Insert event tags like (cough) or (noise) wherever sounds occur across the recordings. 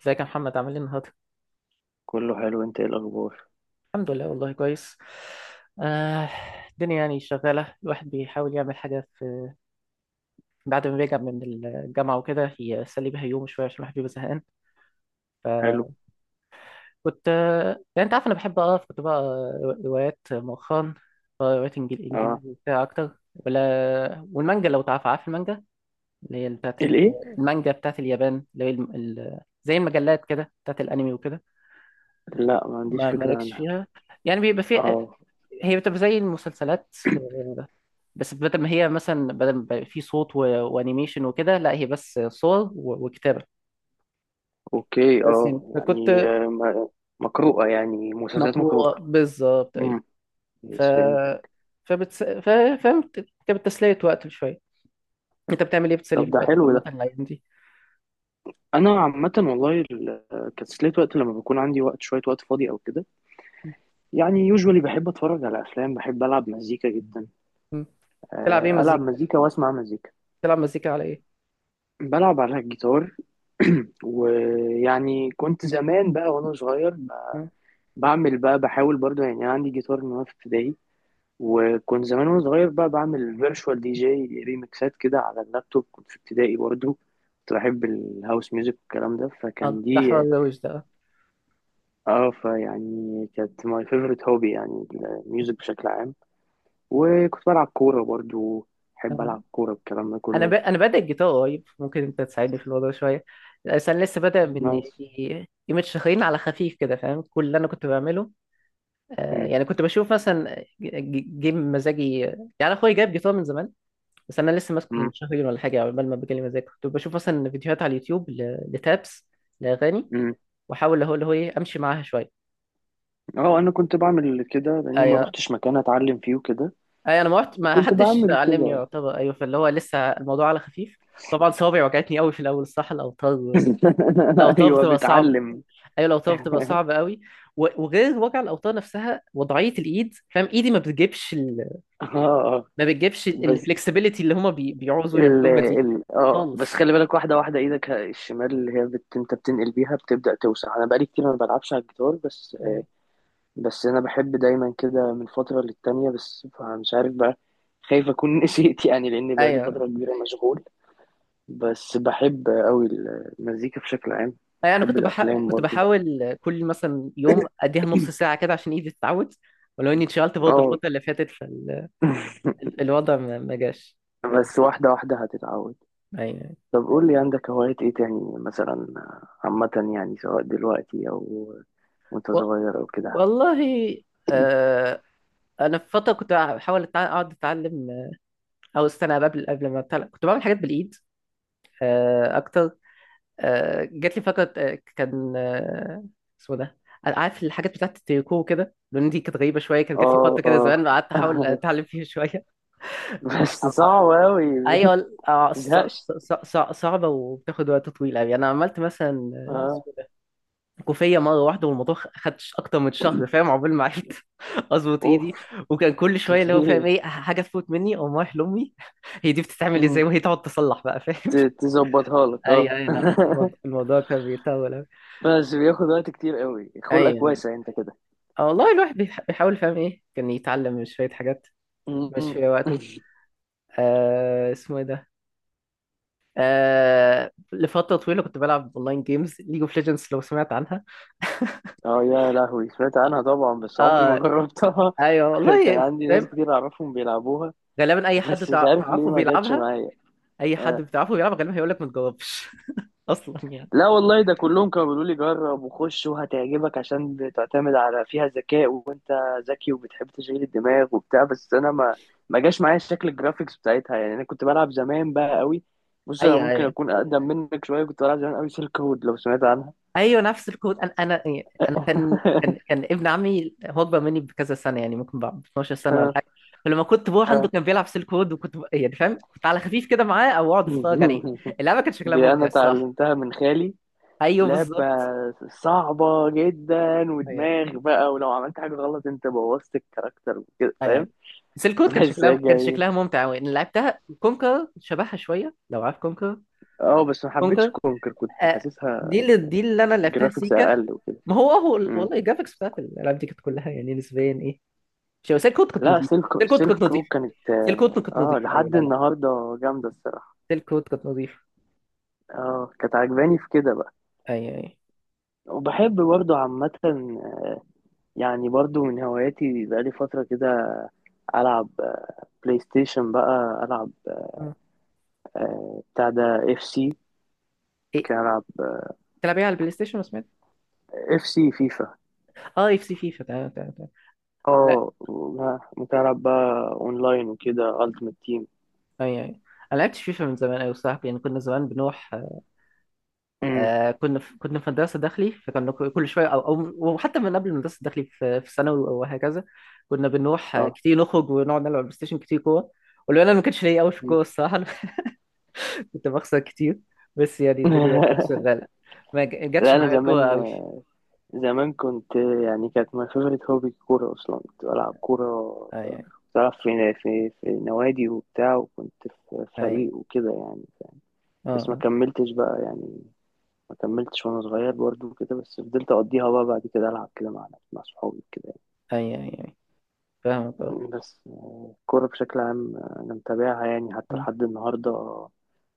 ازيك يا محمد عامل ايه النهارده؟ كله حلو، انت ايه الاخبار؟ الحمد لله، والله كويس. آه، الدنيا يعني شغالة. الواحد بيحاول يعمل حاجة في، بعد ما بيرجع من الجامعة وكده، يسلي بيها يوم شوية عشان الواحد بيبقى زهقان. حلو. فكنت يعني انت عارف، انا بحب اقرا. كنت بقرا روايات مؤخرا، بقرا روايات اه، انجليزي وبتاع اكتر، ولا والمانجا لو تعرف. عارف المانجا اللي هي بتاعت ال- الايه؟ المانجا بتاعت اليابان، اللي هي زي المجلات كده بتاعت الانمي وكده. لا، ما عنديش ما فكره مالكش عنها. فيها. يعني بيبقى فيها، اه، هي بتبقى زي المسلسلات، بس بدل ما هي مثلا، بدل ما يبقى في صوت وانيميشن وكده، لا هي بس صور وكتابة. اوكي، بس يعني. يعني مقروءه، يعني مسلسلات مقروءه. مقروءة بالظبط، أيوة. امم. ف يس، فهمتك. فبتس... ف... فاهم. كانت بتسلية وقت شوية. أنت بتعمل إيه؟ بتسلي طب في ده وقتك حلو عامة ده. الأيام دي؟ انا عامه والله كتسلية وقت لما بيكون عندي وقت شويه، وقت فاضي او كده، يعني يوجوالي بحب اتفرج على افلام، بحب العب مزيكا جدا. م. تلعب إيه العب مزيكا؟ مزيكا واسمع مزيكا. تلعب مزيكا على إيه؟ بلعب على الجيتار. (clears throat) ويعني كنت زمان بقى وانا صغير م. بعمل بقى، بحاول برضو، يعني أنا عندي جيتار من وأنا في ابتدائي. وكنت زمان وأنا صغير بقى بعمل فيرتشوال دي جي، ريميكسات كده على اللابتوب، كنت في ابتدائي برضو. كنت بحب الهاوس ميوزك والكلام ده، آه، فكان ده دي حوار روش ده. اه فيعني كانت ماي فيفورت هوبي، يعني الميوزك بشكل عام. وكنت بلعب كورة برضو، بحب آه. ألعب كورة، الكلام ده كله. أنا بادئ الجيتار قريب، ممكن أنت تساعدني في الموضوع شوية. بس أنا لسه بادئ من نايس. يومين شهرين، على خفيف كده، فاهم كل اللي أنا كنت بعمله. مم. يعني كنت بشوف مثلا جيم مزاجي. يعني اخويا جايب جيتار من زمان، بس انا لسه ماسكه من مم. شهرين ولا حاجه. عقبال ما بجالي مزاج، كنت بشوف مثلا فيديوهات على اليوتيوب لتابس، لاغاني، مم. واحاول. هو اللي هو ايه، امشي معاها شويه. اه، أنا كنت بعمل كده لأني ما ايوه، روحتش مكان أتعلم فيه وكده، ايوه، انا ما رحت، ما وكنت حدش بعمل علمني كده. يعتبر، ايوه، فاللي هو لسه الموضوع على خفيف. طبعا صوابعي وجعتني قوي في الاول، الصح الاوتار. (laughs) الاوتار ايوه، بتبقى صعب. بتعلم. ايوه الاوتار بتبقى (laughs) صعبه قوي. وغير وجع الاوتار نفسها، وضعيه الايد، فاهم، ايدي ما بتجيبش. اه، ما بتجيبش بس الفلكسبيليتي اللي هما بيعوزوا ال يعملوها دي. ال اه بس خالص. خلي بالك، واحدة واحدة. ايدك الشمال اللي هي بت... انت بتنقل بيها بتبدأ توسع. انا بقالي كتير ما بلعبش على الجيتار، بس أيوة. بس انا بحب دايما كده من فترة للتانية، بس مش عارف بقى. خايف اكون (laughs) نسيت يعني، لان بقالي ايوه فترة كبيرة مشغول. بس بحب قوي المزيكا بشكل عام. أيوة، انا بحب كنت الافلام كنت برضو. بحاول كل مثلا يوم اديها نص (clears throat) ساعه كده عشان ايدي تتعود. ولو اني اتشغلت برضه اه. الفتره اللي فاتت، فالوضع ما جاش. (laughs) بس واحدة واحدة هتتعود. ايوه. طب قول لي، عندك هوايات ايه تاني مثلا، عامة، يعني سواء دلوقتي او وانت و... صغير او كده. والله. آه. انا في فتره كنت بحاول اقعد اتعلم، او استنى، قبل ما أتعلم. كنت بعمل حاجات بالايد. آه، اكتر. جات لي فكره، كان، اسمه ده. أنا عارف الحاجات بتاعت التريكو كده، لان دي كانت غريبه شويه. كانت جات لي فتره اه، كده زمان، قعدت اه. احاول (laughs) اتعلم فيها شويه. بس صعب (laughs) اوي. (laughs) ايوه متزهقش. صعبه وبتاخد وقت طويل قوي. انا عملت مثلا، اه. اسمه ده، كوفيه مره واحده، والموضوع خدش اكتر من شهر، فاهم، عقبال ما عرفت (laughs) اظبط ايدي. اوف. وكان كل شويه اللي هو فاهم كتير. ايه، حاجه تفوت مني او رايح لامي، (laughs) هي دي بتتعمل ازاي، مم. وهي تقعد تصلح بقى، فاهم. تظبطها لك، ايوه، اه. ايوه، لا. (laughs) الموضوع كان بيطول قوي. بس بياخد وقت كتير قوي، خلقك ايوه، واسع انت كده. اه والله، الواحد بيحاول، فاهم ايه، كان يتعلم شوية حاجات مش مم. في وقته. (laughs) آه اسمه ايه ده. لفترة طويلة كنت بلعب اونلاين جيمز، ليج اوف ليجندز، لو سمعت عنها. اه يا لهوي، سمعت عنها طبعا، بس عمري ما اه. جربتها. ايوه (laughs) كان والله، عندي ناس فاهم. كتير اعرفهم بيلعبوها، غالبا اي حد بس مش عارف ليه تعرفه ما جاتش بيلعبها. معايا. اي حد آه. بتعرفه بيلعبها غالبا هيقول لك ما تجربش (laughs) اصلا يعني. لا والله، ده كلهم كانوا بيقولوا لي جرب وخش وهتعجبك، عشان بتعتمد على فيها ذكاء وانت ذكي وبتحب تشغيل الدماغ وبتاع، بس انا ما جاش معايا شكل الجرافيكس بتاعتها، يعني انا كنت بلعب زمان بقى قوي. بص، انا ايوه ممكن أيوة. اكون اقدم منك شويه، كنت بلعب زمان قوي سيلك هود، لو سمعت عنها. ايوه نفس الكود. انا يعني، انا كان كان (laughs) كان ابن عمي، هو اكبر مني بكذا سنه، يعني ممكن ب 12 سنه ولا آه، حاجه. فلما كنت بروح عنده آه. كان بيلعب سيل كود، وكنت يعني فاهم، كنت على خفيف كده معاه، او اقعد اتفرج (laughs) عليه. اللعبه كان شكلها دي ممتع انا الصراحه. اتعلمتها من خالي. ايوه لعبة بالظبط. صعبة جدا ايوه ودماغ بقى، ولو عملت حاجة غلط انت بوظت الكاركتر وكده، ايوه فاهم. سيل (laughs) كود، كان بحس شكلها كان هي، شكلها ممتع قوي. انا لعبتها كونكر، شبهها شويه لو عارف كونكر. اه، بس ما حبيتش كونكر. كونكر، كنت آه، حاسسها دي اللي، دي اللي انا لعبتها جرافيكس سيكا. اقل وكده. ما هو، هو مم. والله الجرافيكس بتاعت الالعاب دي كانت كلها يعني نسبيا، ايه، شو. سيل كود كانت لا، نظيفه. سيل سيلك كود كانت سيلك رود نظيفه. كانت سيل كود كانت نظيفه. ايوه، لحد لا لا، النهارده جامده الصراحه. سيل كود كانت نظيفه. اه، كانت عجباني في كده بقى. ايوه ايوه. وبحب برضو عامة، يعني برضو من هواياتي بقالي فترة كده، ألعب بلاي ستيشن بقى، ألعب مم. بتاع ده، اف سي. ممكن ايه. ألعب تلعبيها على البلاي ستيشن، ما سمعت. اف سي فيفا. اه، اف سي فيفا، تمام تمام تمام. لا. اه، ممكن ألعب بقى أونلاين وكده، ألتيمت تيم. ايوه ايوه. انا لعبت فيفا من زمان قوي، صاحبي يعني، كنا زمان بنروح. آه كنا في مدرسه داخلي، فكنا كل شويه او او. وحتى من قبل المدرسه الداخلي، في ثانوي وهكذا، كنا بنروح اه. كتير، نخرج ونقعد نلعب بلاي ستيشن كتير، كوره. ولو انا ما كانش ليا قوي في مم. الكوره الصراحه، (laughs) أنا كنت بخسر كتير. بس يعني الدنيا كانت (laughs) شغاله. ما جاتش لا، أنا معايا الكوره زمان، قوي. زمان كنت يعني، كانت my favorite hobby الكورة أصلا. كنت بلعب كورة، كنت ايوه بلعب في نوادي وبتاع، وكنت في ايوه. فريق وكده يعني. بس ما اه. كملتش بقى يعني، ما كملتش وأنا صغير برضو كده، بس فضلت أقضيها بقى بعد كده، ألعب كده مع صحابي كده. ايوه ايوه فاهمك، اه. بس الكورة بشكل عام، أنا متابعها يعني حتى مم. لحد النهاردة،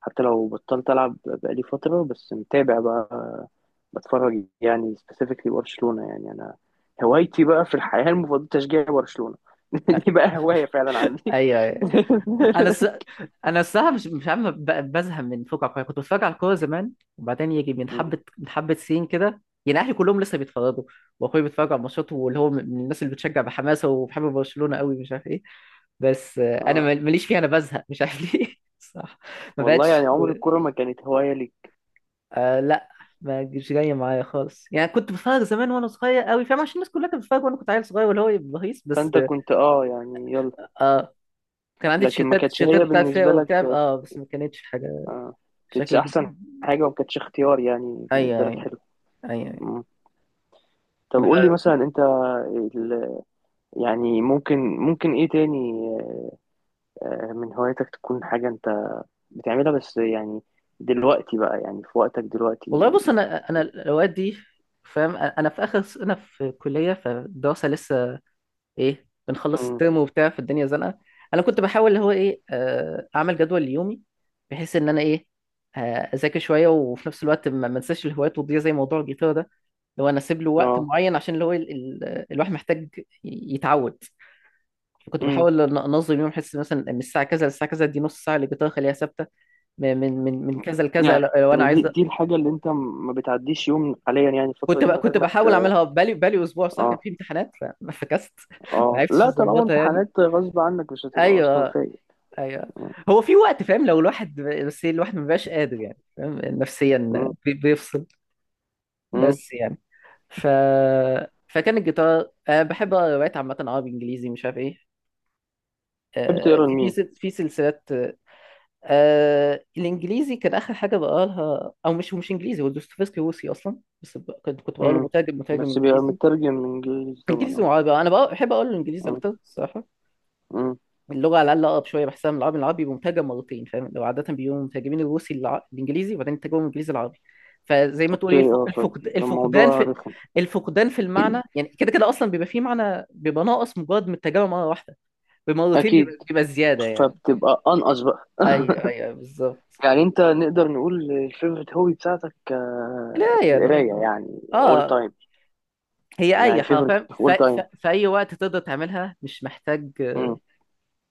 حتى لو بطلت ألعب بقالي فترة. بس متابع بقى، بتفرج يعني، سبيسيفيكلي برشلونة. يعني أنا هوايتي بقى في الحياة المفضلة تشجيع برشلونة. (laughs) دي بقى هواية فعلا عندي. ايوه ايوه. انا (laughs) الس... انا الصراحه مش عارف بزهق من فوق على الكوره. كنت بتفرج على الكوره زمان، وبعدين يجي من مم. حبه من حبه سنين كده يعني، اهلي كلهم لسه بيتفرجوا، واخويا بيتفرج على الماتشات، واللي هو من الناس اللي بتشجع بحماسه، وبحب برشلونه قوي، مش عارف ايه. بس آه، انا اه، ماليش فيها. انا بزهق مش عارف ليه. (laughs) صح، ما والله يعني بقتش. عمر الكورة ما كانت هواية لي. آه لا، ما جايه معايا خالص يعني. كنت بتفرج زمان وانا صغير قوي، فاهم، عشان الناس كلها كانت بتتفرج، وانا كنت عيل صغير، واللي هو بهيص بس. فأنت كنت اه يعني يلا، اه، كان عندي لكن ما تيشيرتات كانتش تيشيرتات هي بتاعت فيها بالنسبة وبتاع، لك اه، بس ما كانتش حاجة آه، كانتش شكل جد- أحسن حاجة وما كانتش اختيار يعني ايوه بالنسبة لك. ايوه. حلو. ايوه أيوة. طب ما- قول لي مثلا انت، ال- يعني ممكن، ممكن ايه تاني من هواياتك، تكون حاجة انت بتعملها بس، يعني دلوقتي بقى، يعني في وقتك دلوقتي. والله بص، انا الاوقات دي فاهم، انا في اخر سنه في كليه، فالدراسه لسه ايه، بنخلص امم. الترم وبتاع، في الدنيا زنقه. انا كنت بحاول اللي هو ايه، اعمل جدول ليومي، بحيث ان انا ايه، آه، اذاكر شويه، وفي نفس الوقت ما انساش الهوايات وتضيع زي موضوع الجيتار ده. اللي هو انا اسيب له وقت اه. معين، عشان اللي هو الواحد محتاج يتعود. كنت امم. بحاول انظم يوم، احس مثلا من الساعه كذا للساعه كذا، دي نص ساعه اللي كنت اخليها ثابته. من كذا لكذا، يعني لو انا دي عايز. دي الحاجة اللي انت ما بتعديش يوم حاليا، يعني الفترة دي من غير كنت ما ت... بحاول اعملها بقالي، اسبوع صح، كان اه، في امتحانات فما فكست. (laughs) ما اه، عرفتش لا، طالما اظبطها يعني. امتحانات غصب عنك مش هتبقى اصلا ايوه فايق. ايوه. هو في وقت فاهم، لو الواحد بس إيه، الواحد ما بيبقاش قادر يعني فاهم نفسيا امم. بيفصل. امم. بس يعني. ف. فكان الجيتار. أنا بحب اقرا روايات عامه، عربي انجليزي مش عارف ايه. تحب تقرا في في لمين؟ سل- في سلسلات. الانجليزي كان اخر حاجه بقالها، او مش انجليزي، هو دوستويفسكي روسي اصلا، بس كنت بقاله امم. مترجم، بس بيبقى انجليزي. مترجم من انجليزي طبعا، انجليزي اه. وعربي، انا بقى بحب اقول الانجليزي امم. اكتر الصراحه. امم. اللغه على الاقل اقرب شويه بحسها من العربي. العربي بيبقى مترجم مرتين، فاهم، لو عاده بيقولوا مترجمين الروسي الانجليزي، وبعدين يترجموا الانجليزي العربي. فزي ما تقول اوكي، ايه، اه، الفقدان فالموضوع في رخم. المعنى. يعني كده كده اصلا بيبقى فيه معنى بيبقى ناقص، مجرد من الترجمه مره واحده. بمرتين اكيد، بيبقى زياده يعني. فبتبقى انقص بقى. اي اي أي، بالظبلا. يعني انت، نقدر نقول الفيفورت هوبي بتاعتك يعني نقول القرايه، اه. يعني اول آه. تايم. هي اي يعني فيفورت، حرفيا، اول تايم، في اي وقت تقدر تعملها، مش محتاج. انت.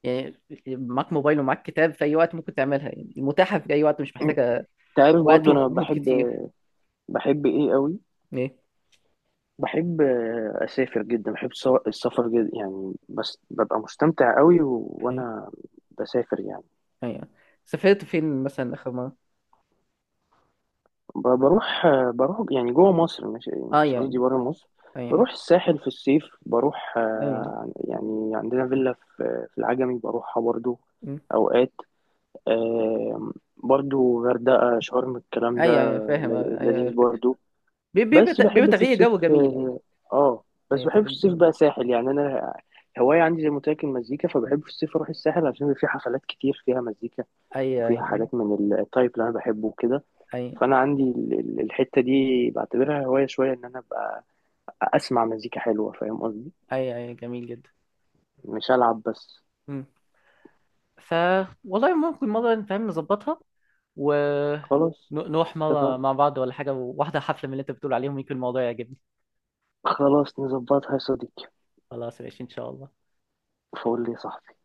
يعني معاك موبايل ومعاك كتاب، في اي وقت ممكن تعملها يعني. متاحه في اي وقت، مش محتاجه عارف، وقت برضو انا ومجهود بحب، كتير. بحب ايه قوي، ايه. بحب اسافر جدا، بحب السفر جدا يعني، بس ببقى مستمتع قوي ايوه وانا بسافر يعني. أيوة. سافرت فين مثلا اخر مره؟ بروح بروح يعني جوه مصر، مش اه مش قصدي يعني. بره مصر. ايوه بروح الساحل في الصيف، بروح ايوه. يعني عندنا فيلا في العجمي، بروحها برضو م. اوقات. برضو غردقة، شرم، الكلام ده ايوه ايوه فاهم، ايوه أيوة، لذيذ الفكره برضو. بس بيبقى بحب في تغيير الصيف، جو جميل. ايوه. اه، آه، بس ايوه بحب في تغيير الصيف جو. بقى ساحل. يعني انا هواية عندي، زي ما قلت لك، المزيكا، م. فبحب في الصيف اروح الساحل عشان بيبقى في حفلات كتير فيها مزيكا، ايوه وفيها ايوه. حاجات من التايب اللي انا بحبه وكده. ايوه فانا عندي الحتة دي بعتبرها هواية، شوية ان انا ابقى اسمع مزيكا حلوة، فاهم قصدي، ايوه ايوه جميل جدا. مش العب بس. م. ف. والله ممكن مرة نفهم نظبطها، خلاص، ونروح مرة اتفقنا. مع بعض ولا حاجة، واحدة حفلة من اللي انت بتقول عليهم، يمكن الموضوع يعجبني. خلاص نظبطها يا صديقي. خلاص ماشي ان شاء الله. فقول لي يا صاحبي.